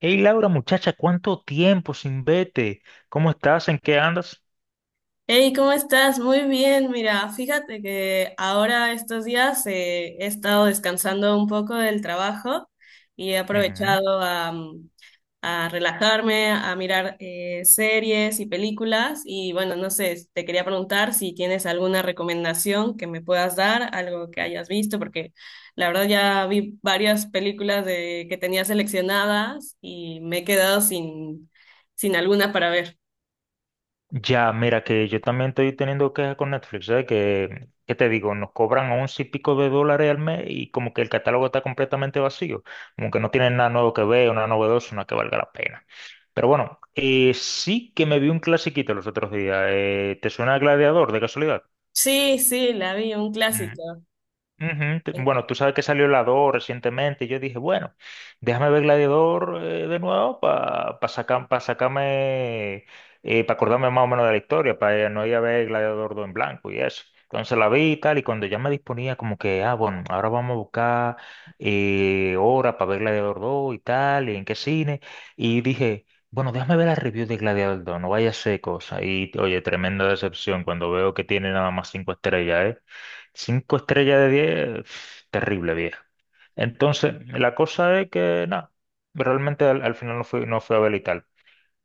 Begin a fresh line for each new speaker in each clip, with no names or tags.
Hey Laura, muchacha, ¿cuánto tiempo sin verte? ¿Cómo estás? ¿En qué andas?
Hey, ¿cómo estás? Muy bien, mira, fíjate que ahora estos días he estado descansando un poco del trabajo y he
Ujú.
aprovechado a relajarme, a mirar series y películas y bueno, no sé, te quería preguntar si tienes alguna recomendación que me puedas dar, algo que hayas visto, porque la verdad ya vi varias películas que tenía seleccionadas y me he quedado sin alguna para ver.
Ya, mira que yo también estoy teniendo quejas con Netflix, ¿sabes? Que, ¿qué te digo? Nos cobran once y pico de dólares al mes y como que el catálogo está completamente vacío, como que no tienen nada nuevo que ver, una novedosa, una que valga la pena. Pero bueno, sí que me vi un clasiquito los otros días. ¿Te suena Gladiador de casualidad?
Sí, sí, la vi, un clásico.
Ujú,
Ok.
bueno, tú sabes que salió la 2 recientemente y yo dije, bueno, déjame ver Gladiador de nuevo para sacarme, para acordarme más o menos de la historia, para no ir a ver Gladiador 2 en blanco y eso. Entonces la vi y tal, y cuando ya me disponía como que, ah, bueno, ahora vamos a buscar hora para ver Gladiador 2 y tal, y en qué cine, y dije... Bueno, déjame ver la review de Gladiador 2, no vaya a ser cosa. Y oye, tremenda decepción cuando veo que tiene nada más cinco estrellas, ¿eh? Cinco estrellas de diez, pf, terrible vieja. Entonces, la cosa es que, nada, realmente al final no fui, no fui a ver y tal.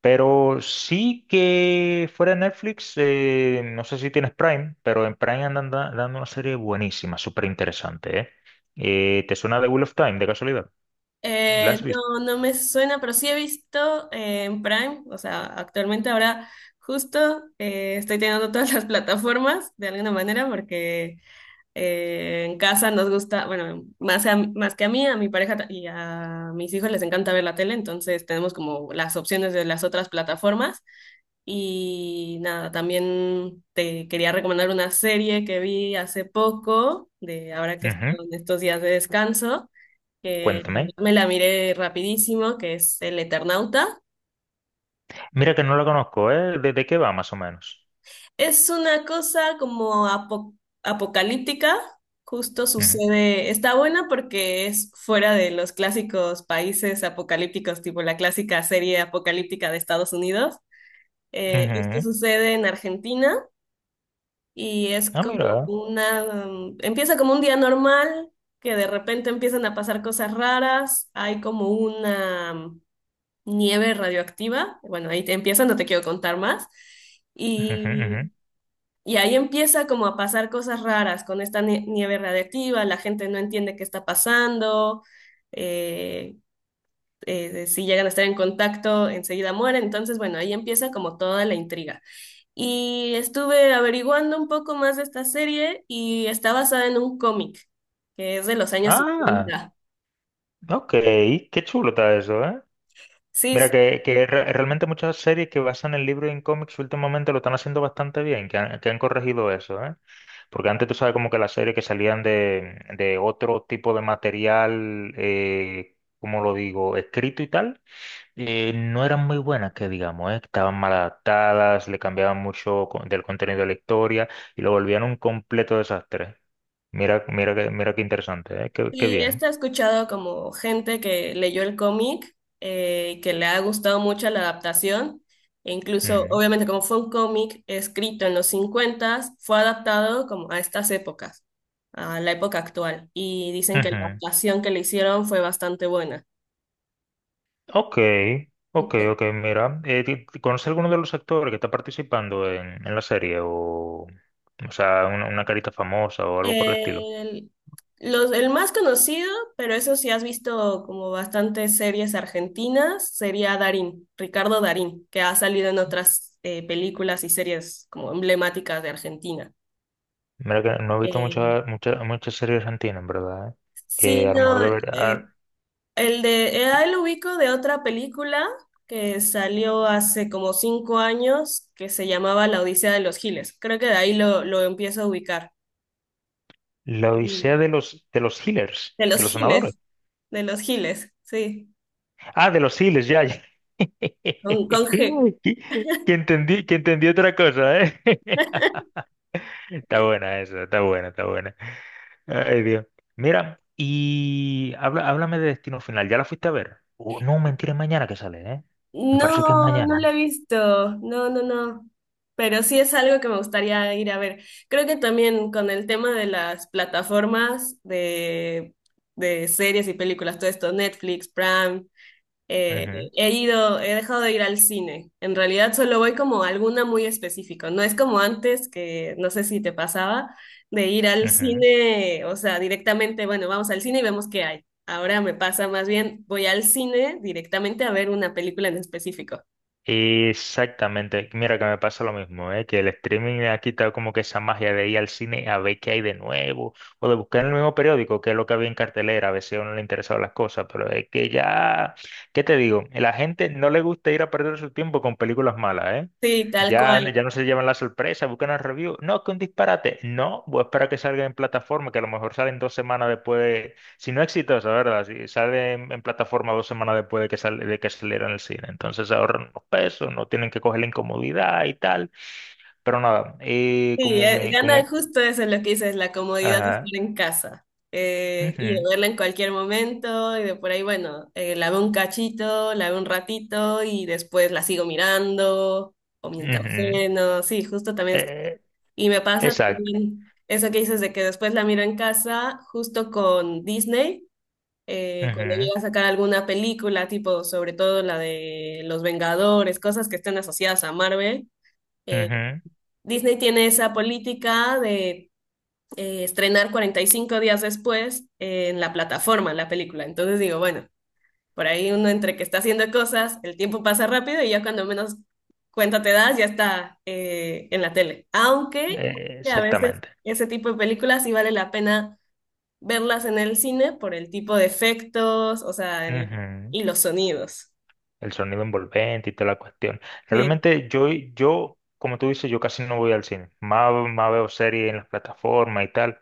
Pero sí que fuera de Netflix, no sé si tienes Prime, pero en Prime andan dando una serie buenísima, súper interesante, ¿eh? ¿Te suena The Wheel of Time, de casualidad? ¿La has visto?
No, no me suena, pero sí he visto en Prime, o sea, actualmente ahora justo estoy teniendo todas las plataformas de alguna manera porque en casa nos gusta, bueno, más, más que a mí, a mi pareja y a mis hijos les encanta ver la tele, entonces tenemos como las opciones de las otras plataformas y nada, también te quería recomendar una serie que vi hace poco, de ahora que
Ujú.
estoy en estos días de descanso que la
Cuéntame.
verdad me la miré rapidísimo, que es El Eternauta.
Mira que no la conozco, ¿eh? De qué va, más o menos?
Es una cosa como apocalíptica, justo
Ujú,
sucede, está buena porque es fuera de los clásicos países apocalípticos, tipo la clásica serie apocalíptica de Estados Unidos. Esto
ujú.
sucede en Argentina y es
Ah,
como
mira.
empieza como un día normal, que de repente empiezan a pasar cosas raras, hay como una nieve radioactiva. Bueno, ahí te empieza, no te quiero contar más.
Ujú,
Y,
ujú.
y ahí empieza como a pasar cosas raras con esta nieve radiactiva, la gente no entiende qué está pasando, eh, si llegan a estar en contacto, enseguida mueren. Entonces, bueno, ahí empieza como toda la intriga. Y estuve averiguando un poco más de esta serie y está basada en un cómic que es de los años
Ah.
cincuenta.
Ok, qué chulo está eso, ¿eh?
Sí,
Mira,
sí.
que realmente muchas series que basan el libro en cómics últimamente lo están haciendo bastante bien, que han corregido eso, ¿eh? Porque antes tú sabes como que las series que salían de otro tipo de material, como lo digo, escrito y tal, no eran muy buenas, que digamos, ¿eh? Estaban mal adaptadas, le cambiaban mucho del contenido de la historia y lo volvían un completo desastre. Mira, mira, mira qué interesante, ¿eh? Qué, qué
Y
bien.
esto he escuchado como gente que leyó el cómic, que le ha gustado mucho la adaptación, e incluso,
Ujú.
obviamente, como fue un cómic escrito en los 50, fue adaptado como a estas épocas, a la época actual, y dicen que la
Ujú.
adaptación que le hicieron fue bastante buena.
Ok, ok, ok, mira, ¿conoces alguno de los actores que está participando en la serie? O sea, una carita famosa o algo por el estilo.
El, los, el más conocido, pero eso sí has visto como bastantes series argentinas, sería Darín, Ricardo Darín, que ha salido en otras películas y series como emblemáticas de Argentina.
Mira que no he visto
Eh,
muchas series argentinas, en verdad, ¿eh?
sí,
Que a lo mejor
no,
debería...
eh,
ah,
ahí lo ubico de otra película que salió hace como 5 años que se llamaba La Odisea de los Giles. Creo que de ahí lo empiezo a ubicar.
La
Y
Odisea de de los healers,
de los
de los sanadores.
Giles, de los Giles, sí,
Ah, de los healers, ya, ya.
con G.
Que entendí, que entendí otra cosa, ¿eh? Está buena esa, está buena, está buena. Ay, Dios. Mira, y habla, háblame de Destino Final. ¿Ya la fuiste a ver? Oh, no, mentira, es mañana que sale, ¿eh? Me parece que es
No, no la he
mañana.
visto. No, no, no. Pero sí es algo que me gustaría ir a ver. Creo que también con el tema de las plataformas de series y películas, todo esto, Netflix, Prime, eh,
Ujú,
he ido, he dejado de ir al cine. En realidad solo voy como a alguna muy específica. No es como antes, que no sé si te pasaba, de ir al
ujú.
cine, o sea, directamente, bueno, vamos al cine y vemos qué hay. Ahora me pasa más bien, voy al cine directamente a ver una película en específico.
Exactamente. Mira que me pasa lo mismo, ¿eh? Que el streaming ha quitado como que esa magia de ir al cine a ver qué hay de nuevo o de buscar en el mismo periódico qué es lo que había en cartelera, a ver si a uno le interesaban las cosas, pero es que ya, ¿qué te digo? La gente no le gusta ir a perder su tiempo con películas malas, ¿eh?
Sí, tal
Ya, ya
cual.
no se llevan la sorpresa, buscan el review. No, que un disparate. No, voy a esperar a que salga en plataforma, que a lo mejor salen dos semanas después si no exitosa, ¿verdad? Si sale en plataforma dos semanas después de de que saliera en el cine. Entonces ahorran unos pesos, no tienen que coger la incomodidad y tal. Pero nada,
Sí, gana justo eso es lo que dices, la comodidad de estar
ajá,
en casa y de
ujú,
verla en cualquier momento y de por ahí, bueno, la veo un cachito, la veo un ratito y después la sigo mirando o mientras
ujú,
ceno, sí, justo también.
eh,
Y me pasa
exacto,
también eso que dices de que después la miro en casa justo con Disney, cuando
ujú,
llega a sacar alguna película, tipo sobre todo la de Los Vengadores, cosas que estén asociadas a Marvel. eh,
ujú,
Disney tiene esa política de estrenar 45 días después en la plataforma, la película. Entonces digo, bueno, por ahí uno entre que está haciendo cosas, el tiempo pasa rápido y ya cuando menos cuenta te das, ya está en la tele. Aunque sí, a veces
exactamente.
ese tipo de películas sí vale la pena verlas en el cine por el tipo de efectos, o sea,
Ujú.
y los sonidos.
El sonido envolvente y toda la cuestión.
Sí,
Realmente yo, como tú dices, yo casi no voy al cine. Más, más veo series en las plataformas y tal.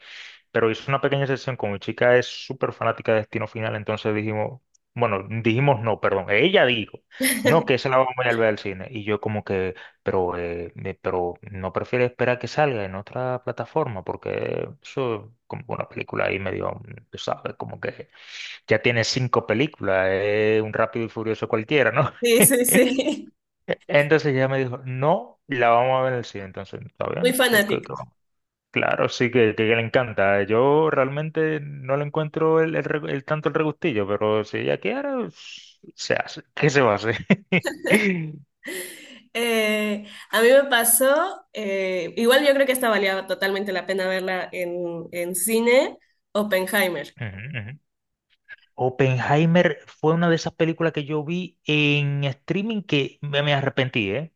Pero hice una pequeña sesión con mi chica, es súper fanática de Destino Final, entonces dijimos, bueno, dijimos no, perdón, ella dijo, no, que esa la vamos a ir a ver al cine. Y yo como que, pero, pero no prefiero esperar que salga en otra plataforma, porque eso es como una película ahí medio, tú sabes, como que ya tiene cinco películas, es un Rápido y Furioso cualquiera, ¿no?
sí, sí, sí.
Entonces ella me dijo, no, la vamos a ver en el cine, entonces, ¿está
Muy
bien? ¿Por qué
fanática.
que vamos? Claro, sí que le encanta. Yo realmente no le encuentro el tanto el regustillo, pero si ella quiere, pues, se hace. ¿Qué se va a hacer?
A mí me pasó, igual yo creo que esta valía totalmente la pena verla en cine, Oppenheimer.
Ujú, ujú. Oppenheimer fue una de esas películas que yo vi en streaming que me arrepentí, ¿eh?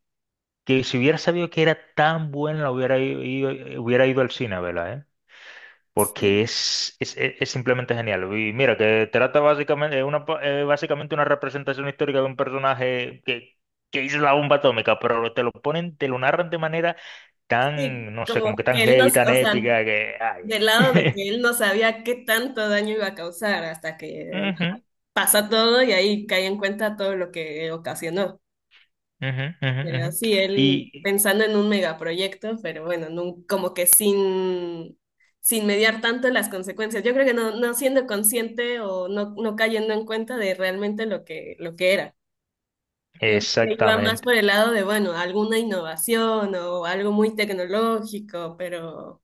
Que si hubiera sabido que era tan buena, la hubiera ido, ido- hubiera ido al cine, ¿verdad? Porque
Sí,
es simplemente genial. Y mira, que trata básicamente, básicamente una representación histórica de un personaje que hizo la bomba atómica, pero te lo ponen, te lo narran de manera
sí,
tan, no sé, como que
como
tan
que él
heavy,
nos,
tan
o sea,
épica, que, ay.
del lado de que él no sabía qué tanto daño iba a causar hasta que
Ujú,
pasa todo y ahí cae en cuenta todo lo que ocasionó.
ujú, ujú, ujú.
Pero sí,
Y
él pensando en un megaproyecto, pero bueno, como que sin, mediar tanto las consecuencias. Yo creo que no, no siendo consciente o no, no cayendo en cuenta de realmente lo que era. Yo creo que iba más
exactamente.
por el lado de, bueno, alguna innovación o algo muy tecnológico, pero,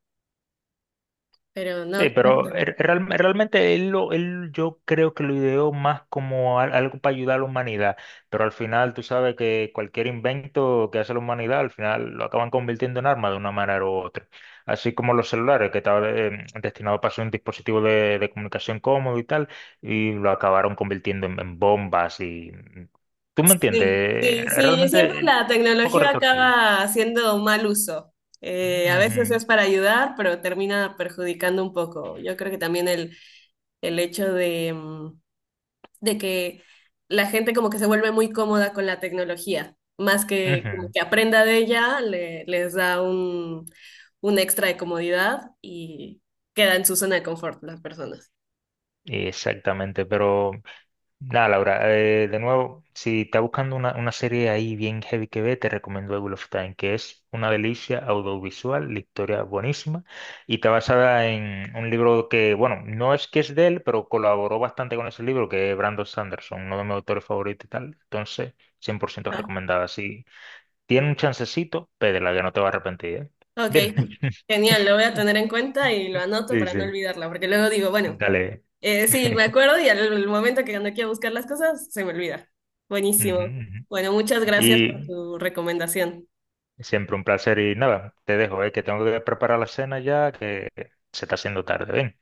pero
Sí,
no. Qué
pero
pasa.
realmente él yo creo que lo ideó más como algo para ayudar a la humanidad, pero al final tú sabes que cualquier invento que hace la humanidad al final lo acaban convirtiendo en arma de una manera u otra. Así como los celulares que estaban destinados para ser un dispositivo de comunicación cómodo y tal, y lo acabaron convirtiendo en bombas y... ¿Tú me
Sí,
entiendes?
sí, sí, siempre
Realmente un
la
poco
tecnología
retorcido.
acaba haciendo mal uso. A veces
Ujú,
es para ayudar, pero termina perjudicando un poco. Yo creo que también el hecho de que la gente como que se vuelve muy cómoda con la tecnología, más que como
ujú.
que aprenda de ella, les da un extra de comodidad y queda en su zona de confort las personas.
Exactamente, pero nada, Laura, de nuevo, si estás buscando una serie ahí bien heavy que ve, te recomiendo The Wheel of Time, que es una delicia audiovisual, la historia buenísima, y está basada en un libro que, bueno, no es que es de él, pero colaboró bastante con ese libro, que es Brandon Sanderson, uno de mis autores favoritos y tal. Entonces, cien por ciento
Ah,
recomendada. Si tiene un chancecito, pédela, que no te va a arrepentir, ¿eh?
ok,
Bien.
genial, lo voy a tener en cuenta y lo anoto
Sí,
para no
sí.
olvidarla, porque luego digo, bueno,
Dale.
sí, me acuerdo y al momento que cuando quiero buscar las cosas, se me olvida.
Ujú,
Buenísimo.
ujú.
Bueno, muchas gracias por
Y
tu recomendación.
siempre un placer y nada, te dejo, que tengo que preparar la cena ya, que se está haciendo tarde. Ven,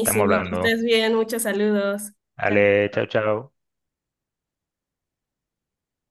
estamos
que
hablando.
estés bien, muchos saludos. Chao.
Ale, chao, chao.